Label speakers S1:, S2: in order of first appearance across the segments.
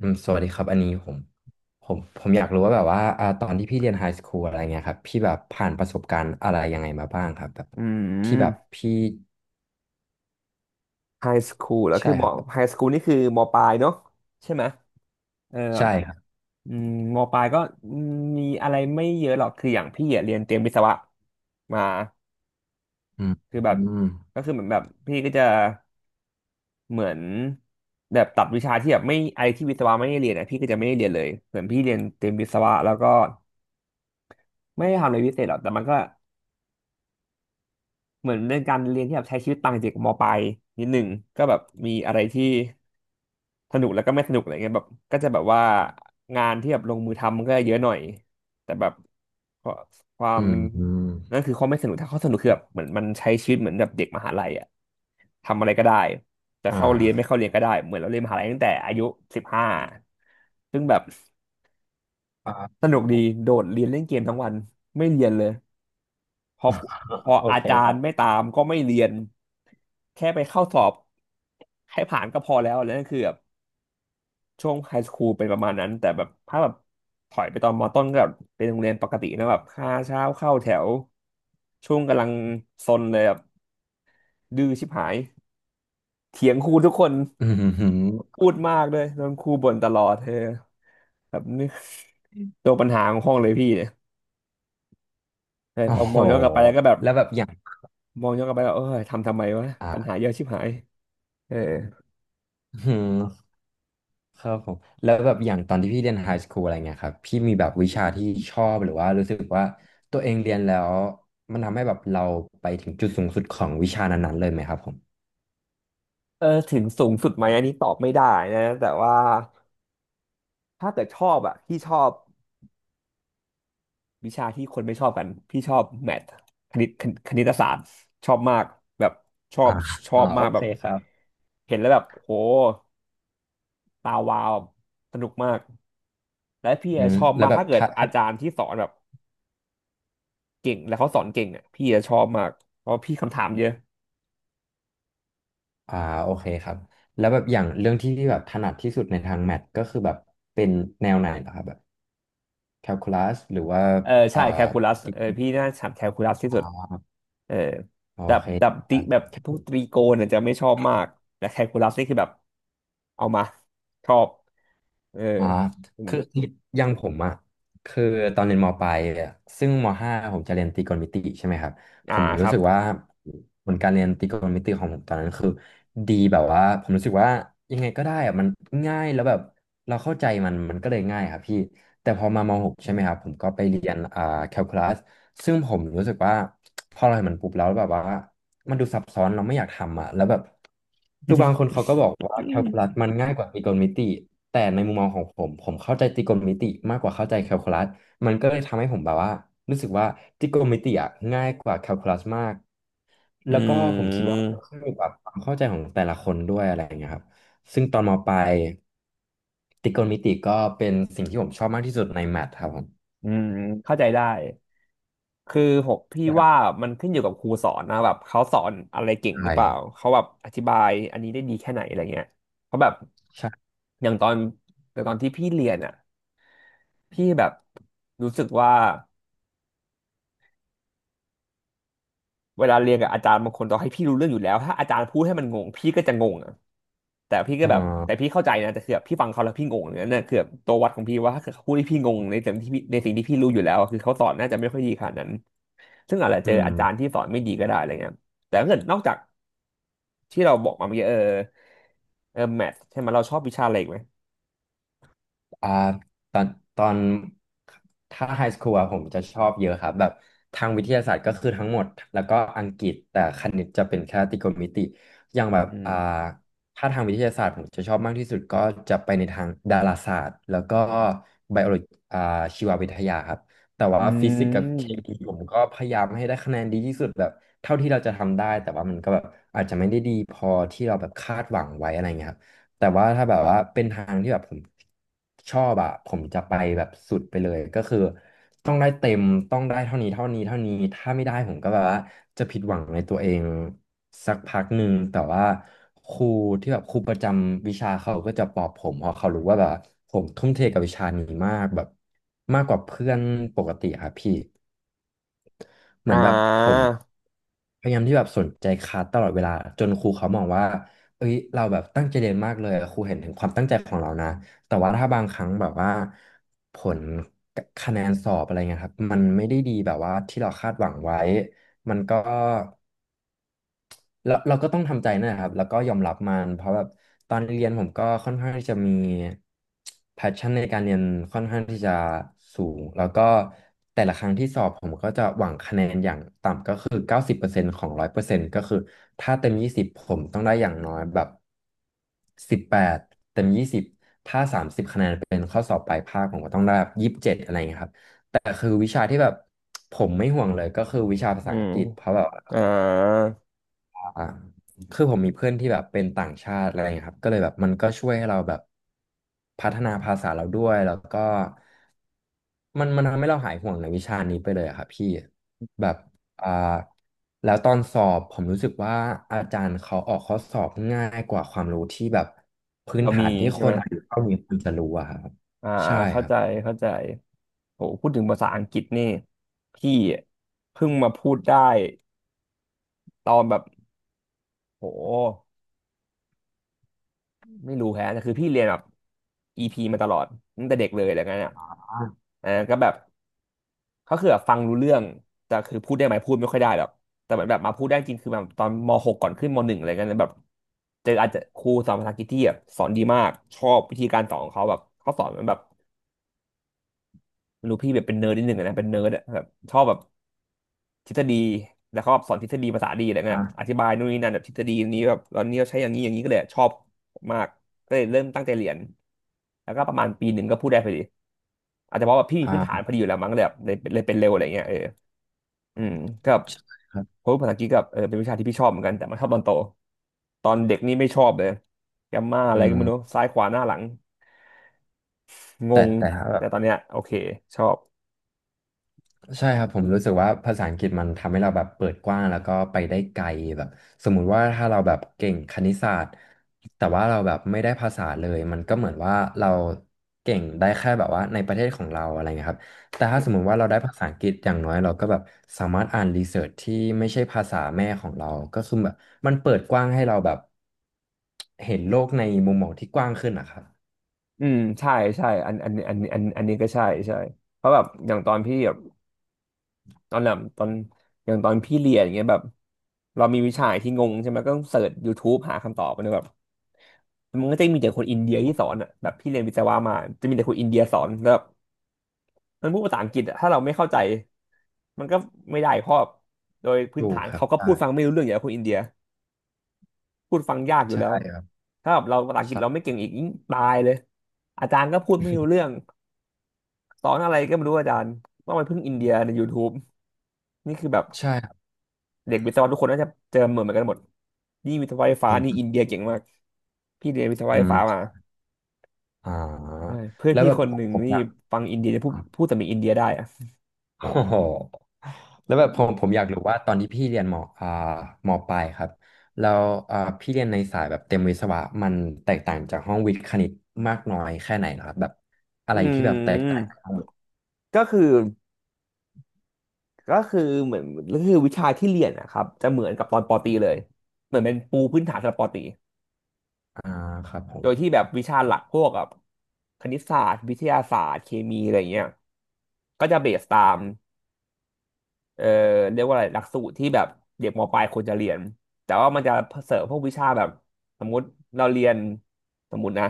S1: สวัสดีครับอันนี้ผมอยากรู้ว่าแบบว่าตอนที่พี่เรียนไฮสคูลอะไรเงี้ยครับพี่แบบผ่านประสบการณ์อะไรยังไงมาบ้างครับแบบ
S2: อื
S1: ที่แบบ
S2: ม
S1: พี่
S2: ไฮสคูลแล้ว
S1: ใช่
S2: คือม
S1: ค
S2: อ
S1: รับ
S2: ไฮสคูลนี่คือมอปลายเนาะใช่ไหมเออ
S1: ใช่ครับ
S2: อืมมอปลายก็มีอะไรไม่เยอะหรอกคืออย่างพี่อะเรียนเตรียมวิศวะมา
S1: อืม
S2: คือแบ
S1: อื
S2: บ
S1: ม
S2: ก็คือเหมือนแบบพี่ก็จะเหมือนแบบตัดวิชาที่แบบไม่ไอที่วิศวะไม่ได้เรียนอะพี่ก็จะไม่ได้เรียนเลยเหมือนพี่เรียนเตรียมวิศวะแล้วก็ไม่ได้ทำอะไรพิเศษหรอกแต่มันก็เหมือนเป็นการเรียนที่แบบใช้ชีวิตต่างจากมอปลายนิดหนึ่งก็แบบมีอะไรที่ สนุกแล้วก็ไม่สนุกอะไรเงี้ยแบบก็จะแบบว่างานที่แบบลงมือทำมันก็เยอะหน่อยแต่แบบความ
S1: อืมอืม
S2: นั่นคือความไม่สนุกถ้าเขาสนุกคือแบบเหมือนมันใช้ชีวิตเหมือนแบบเด็กมหาลัยอะทำอะไรก็ได้จะ
S1: อ่า
S2: เข้าเรียน
S1: ค
S2: ไม่
S1: รั
S2: เข้า
S1: บ
S2: เรียนก็ได้เหมือนเราเรียนมหาลัยตั้งแต่อายุสิบห้าซึ่งแบบ
S1: อ่
S2: ส
S1: า
S2: นุกดีโดดเรียนเล่นเกมทั้งวันไม่เรียนเลยพอพอ
S1: โอ
S2: อา
S1: เค
S2: จา
S1: ค
S2: ร
S1: รับ
S2: ย์ไม่ตามก็ไม่เรียนแค่ไปเข้าสอบให้ผ่านก็พอแล้วแล้วนั่นคือแบบ ช่วงไฮสคูลเป็นประมาณนั้นแต่แบบถอยไปตอนมต้นก็แบบเป็นโรงเรียนปกตินะแบบห้าเช้าเข้าแถวช่วงกำลังซนเลยแบบดื้อชิบหายเถียงครูทุกคน
S1: อืมอหืม
S2: พูดมากด้วยโดนครูบ่นตลอดเธอแบบนี่ ตัวปัญหาของห้องเลยพี่เนี่ยเออ
S1: โอ้
S2: พอ
S1: โห
S2: มองย้อนกลับไปแล้วก็แบบ
S1: แล้วแบบอย่าง
S2: มองย้อนกลับไปแล้วเออทำไมวะปัญหา
S1: อ่า
S2: เยอะชิบหายเออ
S1: ครับผมแล้วแบบอย่างตอนที่พี่เรียนไฮสคูลอะไรเงี้ยครับพี่มีแบบวิชาที่ชอบหรือว่ารู้สึกว่าตัวเองเรียนแล้วมันทำให้แบบเราไปถึงจุดสูงสุดของวิชานั้นๆเลยไหมครับผม
S2: เออถึงสูงสุดไหมอันนี้ตอบไม่ได้นะแต่ว่าถ้าเกิดชอบอ่ะพี่ชอบ วิชาที่คนไม่ชอบกันพี่ชอบแมทคณิตศาสตร์ชอบมากแบบชอ
S1: อ่า
S2: บชอ
S1: อ่า
S2: บ
S1: โอ
S2: มากแบ
S1: เค
S2: บ
S1: ครับ
S2: เห็นแล้วแบบโหตาวาวสนุกมากและพี่อะชอบ
S1: แล้ว
S2: มาก
S1: แบบ
S2: ถ้าเกิด
S1: ถ้า
S2: อา
S1: ถ้า
S2: จารย์ที่สอนแบบเก่งแล้วเขาสอนเก่งอ่ะพี่จะชอบมากเพราะพี่คำถามเยอะ
S1: อ่าโอเคครับแล้วแบบอย่างเรื่องที่พี่แบบถนัดที่สุดในทางแมทก็คือแบบเป็นแนวไหนเหรอครับแบบแคลคูลัสหรือว่า
S2: เออใช่
S1: อ่า
S2: แคลคูลัส
S1: ติ
S2: เออพี่น่าจะถามแคลคูลัสที่
S1: อ๋
S2: สุด
S1: อ
S2: เออ
S1: โอ
S2: แบบ
S1: เค
S2: แบบ
S1: ค
S2: ติ
S1: รั
S2: แบบ
S1: บ
S2: พวกตรีโกณเนี่ยจะไม่ชอบมากแต่แคลคูลัสนี่คือแบบเอามาชอบเออ
S1: อ๋อคืออยังผมอ่ะคือตอนเรียนมปลายอะซึ่งมห้าผมจะเรียนตรีโกณมิติใช่ไหมครับผ
S2: อ่า
S1: ม
S2: ค
S1: รู้
S2: รับ
S1: สึกว่าผลการเรียนตรีโกณมิติของผมตอนนั้นคือดีแบบว่าผมรู้สึกว่ายังไงก็ได้อะมันง่ายแล้วแบบ เราเข้าใจมันมันก็เลยง่ายครับพี่แต่พอมาม .6
S2: อื
S1: ใช่ไห
S2: ม
S1: มครับผมก็ไปเรียนแคลคูลัสซึ่งผมรู้สึกว่าพอเราเห็นมันปุ๊บแล้วแบบว่ามันดูซับซ้อนเราไม่อยากทำอ่ะแล้วแบบคือบางคนเขาก็บอกว่าแคลคู ลัสมันง่ายกว่าตรีโกณมิติแต่ในมุมมองของผมผมเข้าใจตรีโกณมิติมากกว่าเข้าใจแคลคูลัสมันก็เลยทำให้ผมแบบว่ารู้สึกว่าตรีโกณมิติอ่ะง่ายกว่าแคลคูลัสมาก
S2: อื
S1: แล้วก็ผมคิดว่า
S2: ม
S1: ขึ้นอยู่กับความเข้าใจของแต่ละคนด้วยอะไรอย่างเงี้ยครับซึ่งตอนมปลายตริโกณมิติก็เป็นสิ่งที่ผมชอบมากที่สุดในแมทครับผม
S2: เข้าใจได้ คือผมพี่
S1: ครั
S2: ว่า
S1: บ
S2: มันขึ้นอยู่กับครูสอนนะแบบเขาสอนอะไรเก่งหรื
S1: ใช่
S2: อเป
S1: ค
S2: ล่า
S1: รับ
S2: เขาแบบอธิบายอันนี้ได้ดีแค่ไหนอะไรเงี้ยเพราะแบบ
S1: ใช่
S2: อย่างตอนแต่ตอนที่พี่เรียนอ่ะพี่แบบรู้สึกว่า เวลาเรียนกับอาจารย์บางคนต่อให้พี่รู้เรื่องอยู่แล้วถ้าอาจารย์พูดให้มันงงพี่ก็จะงงอะแต่พี่ก็
S1: อ่
S2: แบบแต่
S1: า
S2: พี่เข้าใจนะแต่คือแบบพี่ฟังเขาแล้วพี่งงเนี่ยนั่นคือแบบตัววัดของพี่ว่าถ้าเกิดเขาพูดให้พี่งงในสิ่งที่พี่รู้อยู่แล้วอะคือเขาสอนน่าจะไม่ค่อยดีขนาดนั้นซึ่งอาจจะ
S1: อื
S2: เจออาจารย์
S1: ม
S2: ที่สอนไม่ดีก็ได้อะไรเงี้ยแต่ถ้าเกิดนอกจากที่เราบอกมาเมื่อกี้เออเออแมทใช่ไหมเราชอบวิชาอะไรอีกไหม
S1: อ่าตอนตอนถ้าไฮสคูลอะผมจะชอบเยอะครับแบบทางวิทยาศาสตร์ก็คือทั้งหมดแล้วก็อังกฤษแต่คณิตจะเป็นแค่ตรโกณมิติอย่างแบบ
S2: อืม
S1: ถ้าทางวิทยาศาสตร์ผมจะชอบมากที่สุดก็จะไปในทางดาราศาสตร์แล้วก็ไบโอโลจอ่าชีววิทยาครับแต่
S2: อื
S1: ว่าฟิสิกส์กับเค
S2: ม
S1: มีผมก็พยายามให้ได้คะแนนดีที่สุดแบบเท่าที่เราจะทำได้แต่ว่ามันก็แบบอาจจะไม่ได้ดีพอที่เราแบบคาดหวังไว้อะไรเงี้ยครับ แต่ว่าถ้าแบบว่าเป็นทางที่แบบผมชอบอะผมจะไปแบบสุดไปเลยก็คือต้องได้เต็มต้องได้เท่านี้เท่านี้เท่านี้ถ้าไม่ได้ผมก็แบบว่าจะผิดหวังในตัวเองสักพักหนึ่งแต่ว่าครูที่แบบครูประจำวิชาเขาก็จะปลอบผมเพราะเขารู้ว่าแบบผมทุ่มเทกับวิชานี้มากแบบมากกว่าเพื่อนปกติครับพี่ เห
S2: อ่
S1: มือนแบบผม
S2: า
S1: พยายามที่แบบสนใจคลาสตลอดเวลาจนครูเขามองว่าเอ้ยเราแบบตั้งใจเรียนมากเลยครูเห็นถึงความตั้งใจของเรานะแต่ว่าถ้าบางครั้งแบบว่าผลคะแนนสอบอะไรเงี้ยครับมันไม่ได้ดีแบบว่าที่เราคาดหวังไว้มันก็ เราก็ต้องทำใจนนแหละครับแล้วก็ยอมรับมันเพราะแบบตอนเรียนผมก็ค่อนข้างที่จะมี passion ในการเรียนค่อนข้างที่จะสูงแล้วก็แต่ละครั้งที่สอบผมก็จะหวังคะแนนอย่างต่ำก็คือ90%ของ100%ก็คือถ้าเต็มยี่สิบผมต้องได้อย่างน้อยแบบ18เต็มยี่สิบเป็นข้อสอบปลายภาคผมก็ต้องได้แบบ27อะไรอย่างเงี้ยครับแต่คือวิชาที่แบบผมไม่ห่วงเลยก็คือวิชาภา
S2: อื
S1: ษาอั
S2: ม
S1: งกฤษเพราะแบบ
S2: อ่า
S1: อ่าคือผมมีเพื่อนที่แบบเป็นต่างชาติอะไรอย่างเงี้ยครับก็เลยแบบมันก็ช่วยให้เราแบบพัฒนาภาษาเราด้วยแล้วก็มันทำให้เราหายห่วงในวิชานี้ไปเลยอะครับพี่แบบอ่าแล้วตอนสอบผมรู้สึกว่าอาจารย์เขาออกข้อสอบง่ายกว่าความรู้ที่แบบพื้น
S2: เรา
S1: ฐา
S2: มี
S1: นที่
S2: ใช่
S1: ค
S2: ไหม
S1: นอายุเท่านี้ควรจะรู้อะครับ
S2: อ่า
S1: ใช่
S2: เข้า
S1: ครั
S2: ใจ
S1: บ
S2: เข้าใจโหพูดถึงภาษาอังกฤษนี่พี่เพิ่งมาพูดได้ตอนแบบโหไม่รู้แฮะแต่คือพี่เรียนแบบอีพีมาตลอดตั้งแต่เด็กเลยอะไรเงี้ยเนี่ยอ่าก็แบบก็คือแบบฟังรู้เรื่องแต่คือพูดได้ไหมพูดไม่ค่อยได้หรอกแต่เหมือนแบบมาพูดได้จริงคือแบบตอนม .6 ก่อนขึ้นม .1 อะไรเงี้ยแบบเจออาจจะครูสอนภาษาอังกฤษที่แบบสอนดีมากชอบวิธีการสอนของเขาแบบเขาสอนเหมือนแบบ ไม่รู้พี่แบบเป็นเนิร์ดนิดหนึ่งอะนะเป็นเนิร์ดอะแบบชอบแบบทฤษฎีแล้วเขาแบบสอนทฤษฎีภาษาดีอะไรเงี้ยอ
S1: อ่า
S2: ธิบายนู่นนี่นั่นแบบทฤษฎีนี้แบบตอนนี้เราใช้อย่างนี้อย่างนี้ก็เลยชอบมากก็เลยเริ่มตั้งใจเรียนแล้วก็ประมาณปีหนึ่งก็พูดได้พอดีอาจจะเพราะว่าพี่มี
S1: อ่
S2: พื้นฐาน
S1: า
S2: พอดีอยู่แล้วมั้งเลยแบบเลยเป็นเร็วอะไรเงี้ยเอออืมก็
S1: ครับ
S2: เพราะว่าภาษาอังกฤษกับเออเป็นวิชาที่พี่ชอบเหมือนกันแต่มาชอบตอนโตตอนเด็กนี่ไม่ชอบเลยแกมมาอะ
S1: อื
S2: ไรก็ไม่รู้
S1: ม
S2: ซ้ายขวาหน้าหลังง
S1: แต่
S2: ง
S1: แต่
S2: แต่ตอนเนี้ยโอเคชอบ
S1: ใช่ครับผมรู้สึกว่าภาษาอังกฤษมันทำให้เราแบบเปิดกว้างแล้วก็ไปได้ไกลแบบสมมุติว่าถ้าเราแบบเก่งคณิตศาสตร์แต่ว่าเราแบบไม่ได้ภาษาเลยมันก็เหมือนว่าเราเก่งได้แค่แบบว่าในประเทศของเราอะไรเงี้ยครับแต่ถ้าสมมุติว่าเราได้ภาษาอังกฤษอย่างน้อยเราก็แบบสามารถอ่านรีเสิร์ชที่ไม่ใช่ภาษาแม่ของเราก็คือแบบมันเปิดกว้างให้เราแบบเห็นโลกในมุมมองที่กว้างขึ้นนะครับ
S2: อืมใช่ใช่อันนี้ก็ใช่ใช่เพราะแบบอย่างตอนแบบตอนอย่างตอนพี่เรียนอย่างเงี้ยแบบเรามีวิชาที่งงใช่ไหมก็ต้องเสิร์ช YouTube หาคำตอบมัแบบมันก็จะมีแต่คนอินเดียที่สอนอ่ะแบบพี่เรียนวิศวะมาจะมีแต่คนอินเดียสอนแล้วแบบมันพูดภาษาอังกฤษอะถ้าเราไม่เข้าใจมันก็ไม่ได้เพราะโดยพื้น
S1: ถูก
S2: ฐาน
S1: ครับ
S2: เขาก็พู
S1: ใช่
S2: ดฟังไม่รู้เรื่องอย่างคนอินเดียพูดฟังยากอยู่
S1: ใช่
S2: แล้
S1: ค
S2: ว
S1: รับ
S2: ถ้าแบบเราภาษาอังกฤษเรา
S1: ใช่
S2: ไม่เก่งอีกยิ่งตายเลยอาจารย์ก็พูดไม่รู้เรื่อง สอนอะไรก็ไม่รู้อาจารย์ว่ามันเพิ่งอินเดียใน YouTube นี่คือแบบ
S1: ใช่ครับ
S2: เด็กวิศวะทุกคนน่าจะเจอเหมือนกันหมด นี่วิศวะไฟฟ้า
S1: อื
S2: นี่
S1: ม
S2: อินเดียเก่งมาก พี่เรียนวิศวะ
S1: อื
S2: ไฟ
S1: ม
S2: ฟ้ามา
S1: อ่
S2: ใช่
S1: า
S2: เพื่อน
S1: แล้ว
S2: พี่
S1: แบบ
S2: คน
S1: ผ
S2: ห
S1: ม
S2: นึ่ง
S1: ผม
S2: นี่
S1: อยาก
S2: ฟังอินเดียจะพู
S1: ค
S2: ด
S1: รั
S2: พู
S1: บ
S2: ดสำเนียงอินเดียได้อะ
S1: โอ้โห แล้วแบบผมอยากรู้ว่าตอนที่พี่เรียนอ่ามปลายครับแล้วพี่เรียนในสายแบบเต็มวิศวะมันแตกต่างจากห้องวิทย์คณิตมากน้อยแค่ไหนเหรอครับแบบอะ
S2: อื
S1: ไรที่แบบแตกต่างจากห้อ
S2: ม
S1: งวิทย์
S2: ก็คือก็คือเหมือนก็คือวิชาที่เรียนนะครับจะเหมือนกับตอนปอตรีเลยเหมือนเป็นปูพื้นฐานสำหรับปอตรี
S1: อ่าครับผ
S2: โด
S1: ม
S2: ยที่แบบวิชาหลักพวกแบบคณิตศาสตร์วิทยาศาสตร์เคมีอะไรเงี้ยก็จะเบสตาม เอ่อเรียกว่าอะไรหลักสูตรที่แบบเด็กมปลายควรจะเรียนแต่ว่ามันจะเสริมพวกวิชาแบบสมมุติเราเรียนสมมุตินะ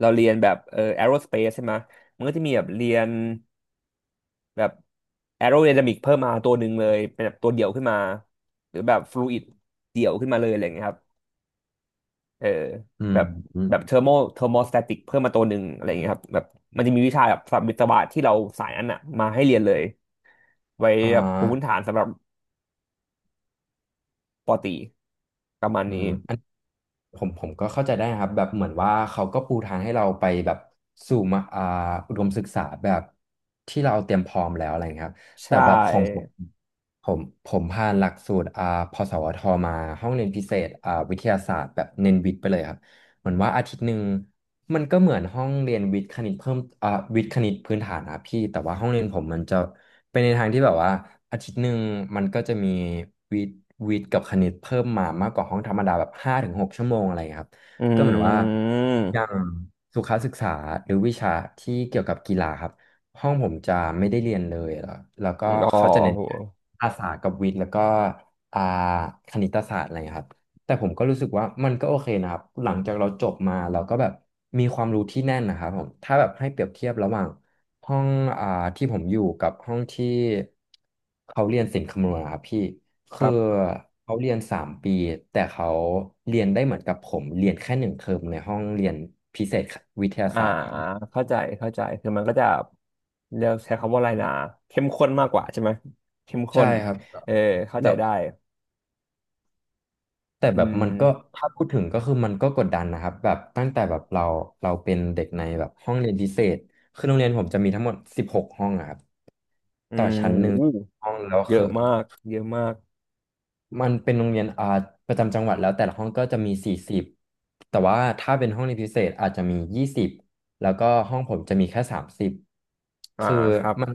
S2: เราเรียนแบบแอโรสเปซใช่ไหมมันก็จะมีแบบเรียนแบบแอโรไดนามิกเพิ่มมาตัวหนึ่งเลยเป็นแบบตัวเดี่ยวขึ้นมาหรือแบบฟลูอิดเดี่ยวขึ้นมาเลยอะไรอย่างเงี้ยครับเออ
S1: อืม
S2: แบบ
S1: อม
S2: แบบเทอร์โมเทอร์โมสแตติกเพิ่มมาตัวหนึ่งอะไรอย่างเงี้ยครับแบบมันจะมีวิชาแบบสำหรับวิศวะที่เราสายนั้นอ่ะมาให้เรียนเลยไว้
S1: อ่
S2: แบบปูพื้นฐา
S1: า
S2: นสำหรับปอตรีประมาณ
S1: อื
S2: นี้
S1: ม ผมก็เข้าใจได้นะครับแบบเหมือนว่าเขาก็ปูทางให้เราไปแบบสู่มาอุดมศึกษาแบบที่เราเตรียมพร้อมแล้วอะไรอย่างเงี้ยครับแต่
S2: ใช่
S1: แบบของผมผมผ่านหลักสูตรพสวทมาห้องเรียนพิเศษวิทยาศาสตร์แบบเน้นวิทย์ไปเลยครับเหมือนว่าอาทิตย์หนึ่งมันก็เหมือนห้องเรียนวิทย์คณิตเพิ่มวิทย์คณิตพื้นฐานนะครับพี่แต่ว่าห้องเรียนผมมันจะ ไปในทางที่แบบว่าอาทิตย์หนึ่งมันก็จะมีวิทย์วิทย์กับคณิตเพิ่มมามากกว่าห้องธรรมดาแบบ5-6 ชั่วโมงอะไรอย่างเงี้ยครับ
S2: อื
S1: ก็เหมือนว่าอย่า
S2: ม
S1: งสุขศึกษาหรือวิชาที่เกี่ยวกับกีฬาครับห้องผมจะไม่ได้เรียนเลยแล้วก็
S2: อ๋อ
S1: เขาจะเน้น
S2: โห
S1: ภาษากับวิทย์แล้วก็อ่าคณิตศาสตร์อะไรอย่างเงี้ยครับแต่ผมก็รู้สึกว่ามันก็โอเคนะครับหลังจากเราจบมาเราก็แบบมีความรู้ที่แน่นนะครับผมถ้าแบบให้เปรียบเทียบระหว่าง ห้องอ่าที่ผมอยู่กับห้องที่เขาเรียนศิลป์คำนวณอะครับพี่
S2: ค
S1: คือ
S2: รับ
S1: เขาเรียน3 ปีแต่เขาเรียนได้เหมือนกับผมเรียนแค่หนึ่งเทอมในห้องเรียนพิเศษวิทยา
S2: อ่า
S1: ศาสตร์ครับ
S2: เข้าใจเข้าใจ คือมันก็จะเรียกใช้คำว่าอะไรนะเข้มข้นมากกว่าใช่ไหมเข้มข้
S1: ใช่
S2: น
S1: ครับ
S2: เออเข้าใจ
S1: แล้ว
S2: ได้
S1: แต่
S2: อื
S1: แบบมันก็
S2: ม
S1: ถ้าพูดถึงก็คือมันก็กดดันนะครับแบบตั้งแต่แบบเราเป็นเด็กในแบบห้องเรียนพิเศษคือโรงเรียนผมจะมีทั้งหมด16ห้องอะครับ
S2: อื
S1: ต่อ
S2: ม
S1: ชั้
S2: โอ้
S1: น
S2: โห
S1: ห้องแล้ว
S2: เยอะ
S1: คือ
S2: มาก เยอะมาก
S1: มันเป็นโรงเรียนอาร์ตประจำจังหวัดแล้วแต่ละห้องก็จะมี40แต่ว่าถ้าเป็นห้องเรียนพิเศษอาจจะมี20แล้วก็ห้องผมจะมีแค่30
S2: อ่า
S1: คือ
S2: ครับ
S1: มัน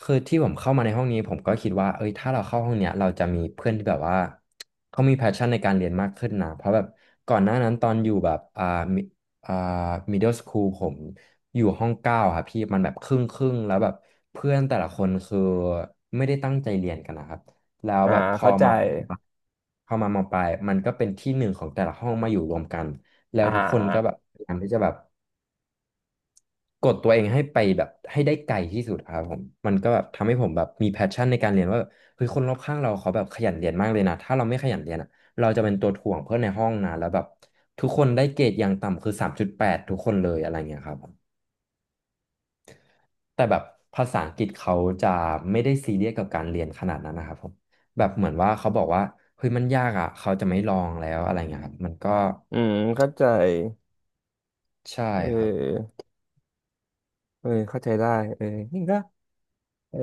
S1: คือที่ผมเข้ามาในห้องนี้ผมก็คิดว่าเอ้ยถ้าเราเข้าห้องเนี้ยเราจะมีเพื่อนที่แบบว่าเขามีแพชชั่นในการเรียนมากขึ้นนะเพราะแบบก่อนหน้านั้นตอนอยู่แบบอ่ามิอ่า middle school ผมอยู่ห้องเก้าครับพี่มันแบบครึ่งครึ่งแล้วแบบเพื่อนแต่ละคนคือไม่ได้ตั้งใจเรียนกันนะครับ แล้ว
S2: อ่า
S1: แบบพอ
S2: เข้าใจ
S1: มาพอมามองไปลายมันก็เป็นที่หนึ่งของแต่ละห้องมาอยู่รวมกันแล้
S2: อ่
S1: วทุกคนก็แบบ
S2: า
S1: พยายามที่จะแบบกดตัวเองให้ไปแบบให้ได้ไกลที่สุดครับผมมันก็แบบทำให้ผมแบบมีแพชชั่นในการเรียนว่าแบบเฮ้ยคนรอบข้างเราเขาแบบขยันเรียนมากเลยนะถ้าเราไม่ขยันเรียนอ่ะเราจะเป็นตัวถ่วงเพื่อนในห้องนะแล้วแบบทุกคนได้เกรดอย่างต่ำคือ3.8ทุกคนเลยอะไรเงี้ยครับ แต่แบบภาษาอังกฤษเขาจะไม่ได้ซีเรียสกับการเรียนขนาดนั้นนะครับผมแบบเหมือนว่าเขาบอกว่าเฮ้ยมันยากอ่ะเขาจะไม่ลองแล้วอะไรเงี้ยครับมันก็
S2: อืมเข้าใจ
S1: ใช่
S2: เอ
S1: ครับ
S2: อเออเข้าใจได้เออนี่ก็ เออ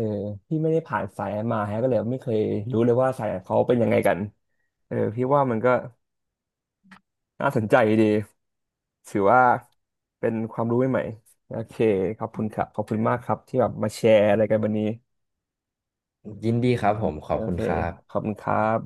S2: พี่ไม่ได้ผ่านสายนั้นมาฮะก็เลยไม่เคยรู้เลยว่าสายเขาเป็นยังไงกันเออพี่ว่ามันก็น่าสนใจดีถือว่าเป็นความรู้ใหม่ๆโอเคขอบคุณครับขอบคุณมากครับที่แบบมาแชร์อะไรกันวันนี้
S1: ยินดีครับผมขอ
S2: โอ
S1: บคุณ
S2: เค
S1: ครั
S2: ข
S1: บ
S2: อบคุณครับ